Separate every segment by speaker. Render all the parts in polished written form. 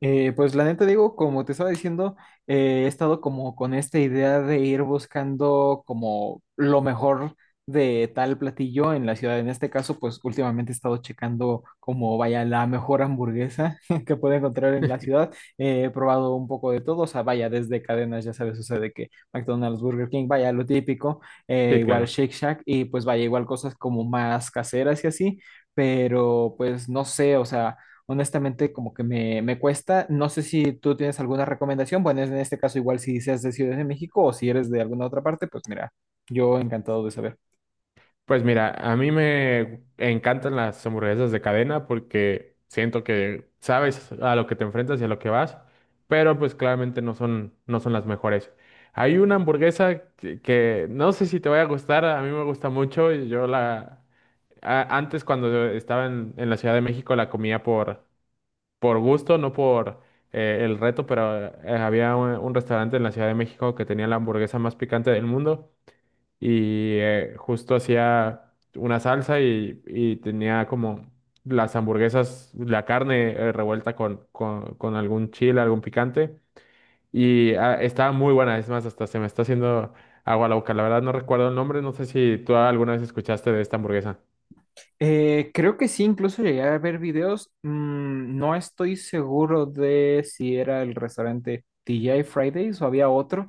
Speaker 1: Pues la neta digo, como te estaba diciendo, he estado como con esta idea de ir buscando como lo mejor de tal platillo en la ciudad. En este caso, pues últimamente he estado checando como vaya la mejor hamburguesa que puedo encontrar en la ciudad. He probado un poco de todo, o sea, vaya desde cadenas, ya sabes, o sea, de que McDonald's, Burger King, vaya lo típico,
Speaker 2: Sí,
Speaker 1: igual
Speaker 2: claro.
Speaker 1: Shake Shack y pues vaya igual cosas como más caseras y así, pero pues no sé, o sea honestamente como que me cuesta. No sé si tú tienes alguna recomendación. Bueno, en este caso igual si seas de Ciudad de México o si eres de alguna otra parte, pues mira, yo encantado de saber.
Speaker 2: Pues mira, a mí me encantan las hamburguesas de cadena porque siento que sabes a lo que te enfrentas y a lo que vas, pero pues claramente no son las mejores. Hay una hamburguesa que no sé si te va a gustar, a mí me gusta mucho y yo la... Antes cuando estaba en la Ciudad de México la comía por gusto, no por el reto, pero había un restaurante en la Ciudad de México que tenía la hamburguesa más picante del mundo. Y justo hacía una salsa y tenía como las hamburguesas, la carne revuelta con algún chile, algún picante y estaba muy buena, es más, hasta se me está haciendo agua la boca. La verdad no recuerdo el nombre, no sé si tú alguna vez escuchaste de esta hamburguesa.
Speaker 1: Creo que sí, incluso llegué a ver videos. No estoy seguro de si era el restaurante TGI Fridays o había otro.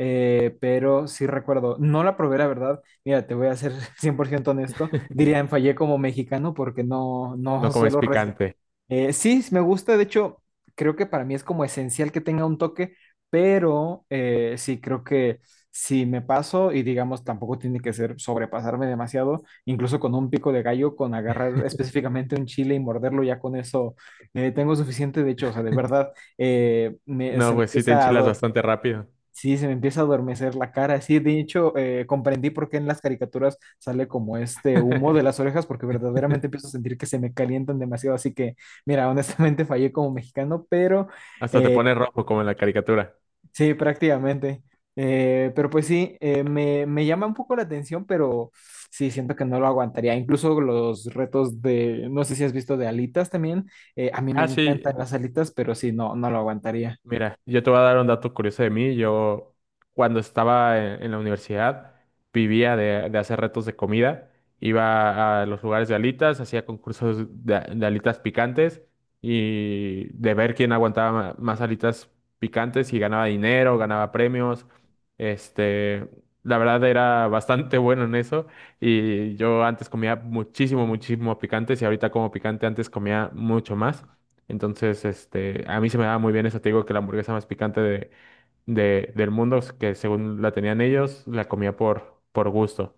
Speaker 1: Pero sí recuerdo, no la probé, la verdad. Mira, te voy a ser 100% honesto. Dirían, fallé como mexicano porque no,
Speaker 2: No
Speaker 1: no
Speaker 2: comes
Speaker 1: suelo
Speaker 2: picante.
Speaker 1: Sí, me gusta, de hecho, creo que para mí es como esencial que tenga un toque, pero sí, creo que si me paso y digamos, tampoco tiene que ser sobrepasarme demasiado, incluso con un pico de gallo, con agarrar específicamente un chile y morderlo, ya con eso tengo suficiente, de hecho, o sea, de verdad,
Speaker 2: No,
Speaker 1: se me
Speaker 2: pues sí te
Speaker 1: empieza a,
Speaker 2: enchilas bastante rápido.
Speaker 1: sí, se me empieza a adormecer la cara. Sí, de hecho, comprendí por qué en las caricaturas sale como este humo de las orejas, porque verdaderamente empiezo a sentir que se me calientan demasiado. Así que, mira, honestamente fallé como mexicano, pero
Speaker 2: Hasta te
Speaker 1: eh,
Speaker 2: pones rojo como en la caricatura.
Speaker 1: sí, prácticamente. Pero pues sí, me llama un poco la atención, pero sí, siento que no lo aguantaría. Incluso los retos de, no sé si has visto de alitas también. A mí me
Speaker 2: Ah, sí.
Speaker 1: encantan las alitas, pero sí, no, no lo aguantaría.
Speaker 2: Mira, yo te voy a dar un dato curioso de mí. Yo, cuando estaba en la universidad, vivía de hacer retos de comida. Iba a los lugares de alitas, hacía concursos de alitas picantes y de ver quién aguantaba más alitas picantes y ganaba dinero, ganaba premios. Este, la verdad era bastante bueno en eso. Y yo antes comía muchísimo, muchísimo picantes y ahorita como picante, antes comía mucho más. Entonces, a mí se me daba muy bien eso. Te digo que la hamburguesa más picante de, del mundo, que según la tenían ellos, la comía por gusto.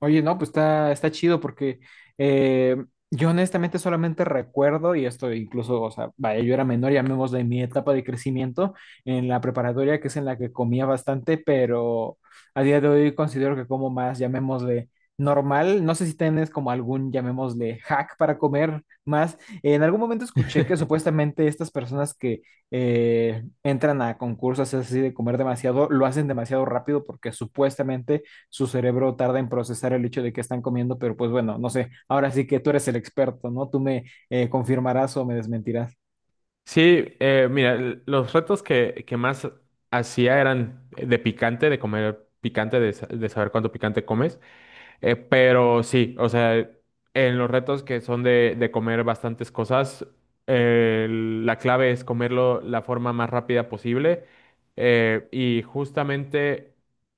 Speaker 1: Oye, no, pues está, está chido porque eh, yo honestamente solamente recuerdo, y esto incluso, o sea, vaya, yo era menor, llamémosle mi etapa de crecimiento en la preparatoria, que es en la que comía bastante, pero a día de hoy considero que como más, llamémosle normal. No sé si tienes como algún, llamémosle hack para comer más. En algún momento escuché que supuestamente estas personas que entran a concursos así de comer demasiado, lo hacen demasiado rápido porque supuestamente su cerebro tarda en procesar el hecho de que están comiendo, pero pues bueno, no sé, ahora sí que tú eres el experto, ¿no? Tú me confirmarás o me desmentirás.
Speaker 2: Sí, mira, los retos que más hacía eran de picante, de comer picante, de, de saber cuánto picante comes. Pero sí, o sea, en los retos que son de comer bastantes cosas, eh, la clave es comerlo la forma más rápida posible. Y justamente,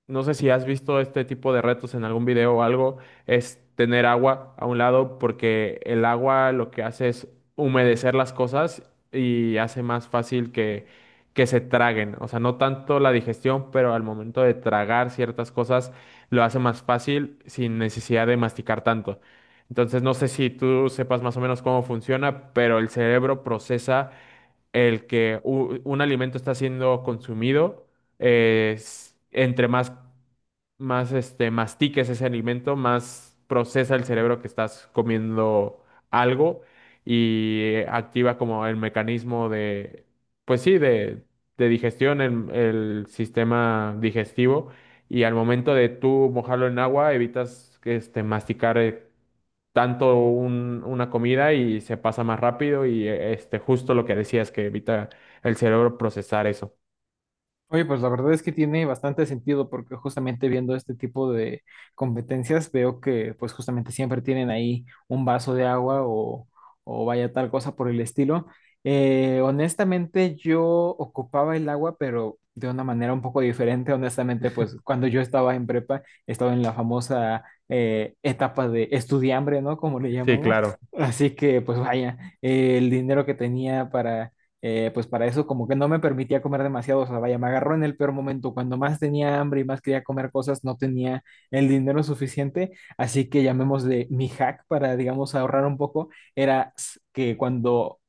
Speaker 2: no sé si has visto este tipo de retos en algún video o algo, es tener agua a un lado porque el agua lo que hace es humedecer las cosas y hace más fácil que se traguen. O sea, no tanto la digestión, pero al momento de tragar ciertas cosas lo hace más fácil sin necesidad de masticar tanto. Entonces, no sé si tú sepas más o menos cómo funciona, pero el cerebro procesa el que un alimento está siendo consumido entre más mastiques ese alimento, más procesa el cerebro que estás comiendo algo y activa como el mecanismo de, pues sí, de digestión, el sistema digestivo. Y al momento de tú mojarlo en agua, evitas que, masticar tanto una comida y se pasa más rápido y justo lo que decías, que evita el cerebro procesar eso.
Speaker 1: Oye, pues la verdad es que tiene bastante sentido porque justamente viendo este tipo de competencias veo que pues justamente siempre tienen ahí un vaso de agua o vaya tal cosa por el estilo. Honestamente yo ocupaba el agua pero de una manera un poco diferente. Honestamente pues cuando yo estaba en prepa estaba en la famosa etapa de estudiambre, ¿no? Como le
Speaker 2: Sí,
Speaker 1: llamamos.
Speaker 2: claro.
Speaker 1: Así que pues vaya, el dinero que tenía para pues para eso como que no me permitía comer demasiado, o sea, vaya, me agarró en el peor momento, cuando más tenía hambre y más quería comer cosas, no tenía el dinero suficiente, así que llamémosle mi hack para, digamos, ahorrar un poco, era que cuando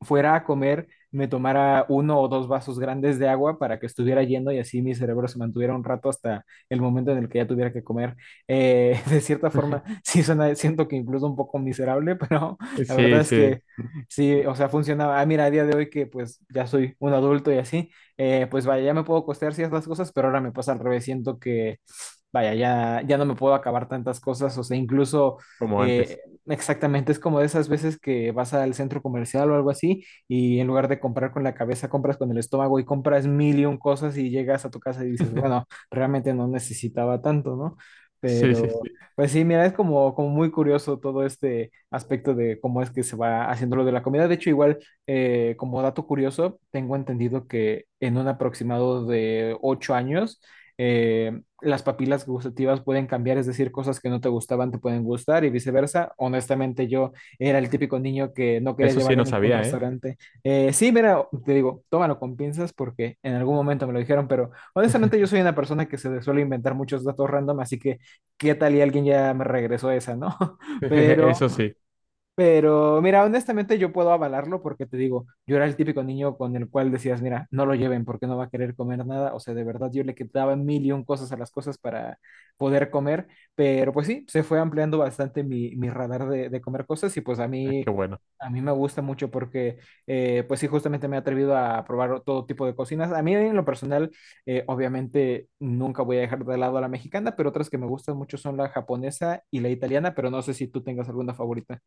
Speaker 1: fuera a comer me tomara uno o dos vasos grandes de agua para que estuviera lleno y así mi cerebro se mantuviera un rato hasta el momento en el que ya tuviera que comer. De cierta forma, sí suena, siento que incluso un poco miserable, pero la verdad
Speaker 2: Sí,
Speaker 1: es
Speaker 2: sí,
Speaker 1: que sí, o sea, funcionaba. Ah, mira, a día de hoy que pues ya soy un adulto y así, pues vaya, ya me puedo costear ciertas cosas, pero ahora me pasa al revés. Siento que, vaya, ya no me puedo acabar tantas cosas. O sea, incluso
Speaker 2: como antes.
Speaker 1: eh, exactamente es como de esas veces que vas al centro comercial o algo así y en lugar de comprar con la cabeza, compras con el estómago y compras mil y un cosas y llegas a tu casa y dices, bueno, realmente no necesitaba tanto, ¿no?
Speaker 2: Sí, sí, sí.
Speaker 1: Pues sí, mira, es como, como muy curioso todo este aspecto de cómo es que se va haciendo lo de la comida. De hecho, igual, como dato curioso, tengo entendido que en un aproximado de ocho años, las papilas gustativas pueden cambiar, es decir, cosas que no te gustaban te pueden gustar y viceversa. Honestamente, yo era el típico niño que no quería
Speaker 2: Eso sí,
Speaker 1: llevar en
Speaker 2: no
Speaker 1: ningún
Speaker 2: sabía, ¿eh?
Speaker 1: restaurante. Sí, mira, te digo, tómalo con pinzas porque en algún momento me lo dijeron, pero honestamente yo soy una persona que se suele inventar muchos datos random, así que qué tal y alguien ya me regresó esa, ¿no? Pero
Speaker 2: Eso sí,
Speaker 1: pero mira, honestamente yo puedo avalarlo porque te digo, yo era el típico niño con el cual decías, mira, no lo lleven porque no va a querer comer nada. O sea, de verdad yo le quitaba mil y un cosas a las cosas para poder comer. Pero pues sí, se fue ampliando bastante mi radar de comer cosas y pues a
Speaker 2: es
Speaker 1: mí,
Speaker 2: que bueno.
Speaker 1: a mí me gusta mucho porque pues sí, justamente me he atrevido a probar todo tipo de cocinas. A mí en lo personal, obviamente nunca voy a dejar de lado a la mexicana, pero otras que me gustan mucho son la japonesa y la italiana, pero no sé si tú tengas alguna favorita.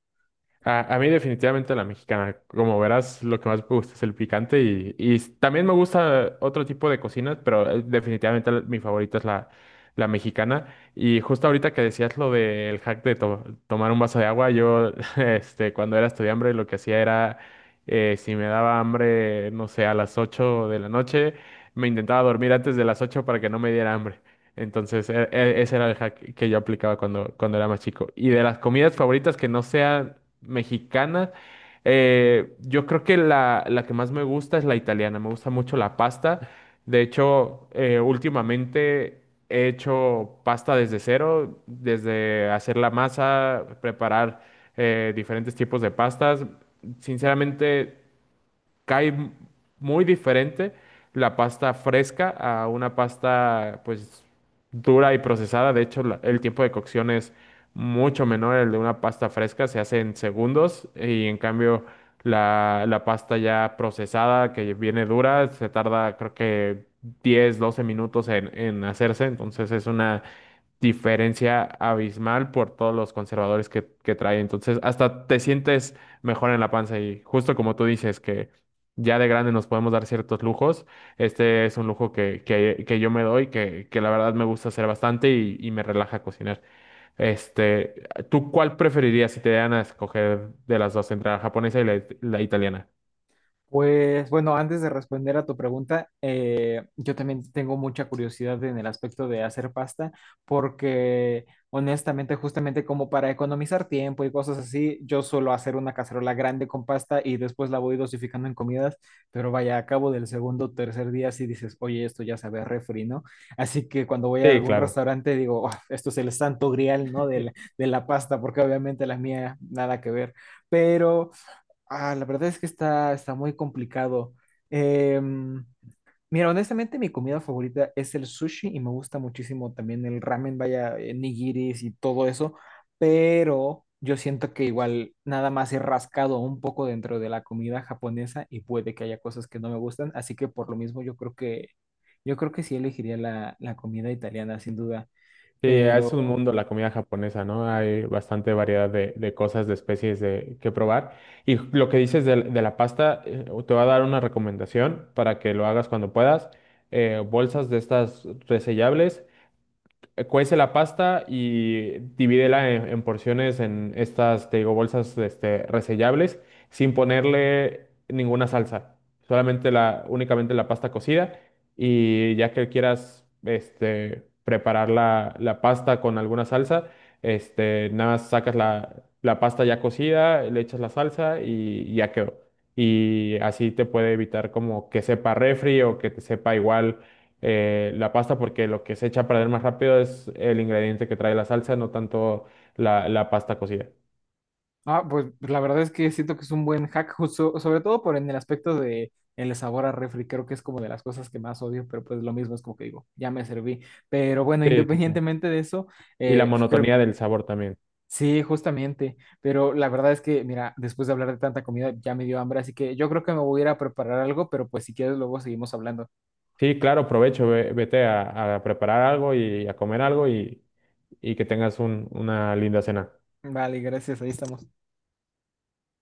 Speaker 2: A mí definitivamente la mexicana. Como verás, lo que más me gusta es el picante y también me gusta otro tipo de cocinas, pero definitivamente mi favorita es la, la mexicana. Y justo ahorita que decías lo del hack de tomar un vaso de agua, yo cuando era estudiante lo que hacía era, si me daba hambre, no sé, a las 8 de la noche, me intentaba dormir antes de las 8 para que no me diera hambre. Entonces, ese era el hack que yo aplicaba cuando, cuando era más chico. Y de las comidas favoritas que no sean mexicana. Yo creo que la que más me gusta es la italiana, me gusta mucho la pasta. De hecho, últimamente he hecho pasta desde cero, desde hacer la masa, preparar diferentes tipos de pastas. Sinceramente, cae muy diferente la pasta fresca a una pasta pues dura y procesada. De hecho, el tiempo de cocción es mucho menor el de una pasta fresca, se hace en segundos y en cambio la, la pasta ya procesada que viene dura se tarda creo que 10, 12 minutos en hacerse. Entonces es una diferencia abismal por todos los conservadores que trae. Entonces, hasta te sientes mejor en la panza y justo como tú dices que ya de grande nos podemos dar ciertos lujos, este es un lujo que yo me doy, que la verdad me gusta hacer bastante y me relaja cocinar. Este, ¿Tú cuál preferirías si te dan a escoger de las dos, entre la japonesa y la italiana?
Speaker 1: Pues bueno, antes de responder a tu pregunta, yo también tengo mucha curiosidad en el aspecto de hacer pasta, porque honestamente, justamente como para economizar tiempo y cosas así, yo suelo hacer una cacerola grande con pasta y después la voy dosificando en comidas, pero vaya, a cabo del segundo o tercer día sí dices, oye, esto ya sabe a refri, ¿no? Así que cuando voy a
Speaker 2: Sí,
Speaker 1: algún
Speaker 2: claro.
Speaker 1: restaurante digo, "Oh, esto es el santo grial, ¿no? De la pasta, porque obviamente la mía nada que ver, pero... Ah, la verdad es que está, está muy complicado. Em, Mira, honestamente, mi comida favorita es el sushi y me gusta muchísimo también el ramen, vaya, nigiris y todo eso, pero yo siento que igual nada más he rascado un poco dentro de la comida japonesa y puede que haya cosas que no me gustan, así que por lo mismo yo creo que sí elegiría la comida italiana, sin duda,
Speaker 2: Sí, es un
Speaker 1: pero
Speaker 2: mundo la comida japonesa, ¿no? Hay bastante variedad de cosas, de especies de, que probar. Y lo que dices de la pasta, te voy a dar una recomendación para que lo hagas cuando puedas. Bolsas de estas resellables, cuece la pasta y divídela en porciones en estas, te digo, bolsas resellables sin ponerle ninguna salsa, solamente la, únicamente la pasta cocida y ya que quieras preparar la, la pasta con alguna salsa, nada más sacas la, la pasta ya cocida, le echas la salsa y ya quedó. Y así te puede evitar como que sepa refri o que te sepa igual la pasta porque lo que se echa a perder más rápido es el ingrediente que trae la salsa, no tanto la, la pasta cocida.
Speaker 1: ah, pues la verdad es que siento que es un buen hack, justo- sobre todo por en el aspecto de el sabor a refri, creo que es como de las cosas que más odio, pero pues lo mismo es como que digo, ya me serví. Pero bueno,
Speaker 2: Sí, sí, sí.
Speaker 1: independientemente de eso,
Speaker 2: Y la monotonía
Speaker 1: creo,
Speaker 2: del sabor también.
Speaker 1: sí, justamente, pero la verdad es que, mira, después de hablar de tanta comida ya me dio hambre, así que yo creo que me voy a ir a preparar algo, pero pues si quieres luego seguimos hablando.
Speaker 2: Sí, claro, provecho, vete a preparar algo y a comer algo y que tengas una linda cena.
Speaker 1: Vale, gracias, ahí estamos.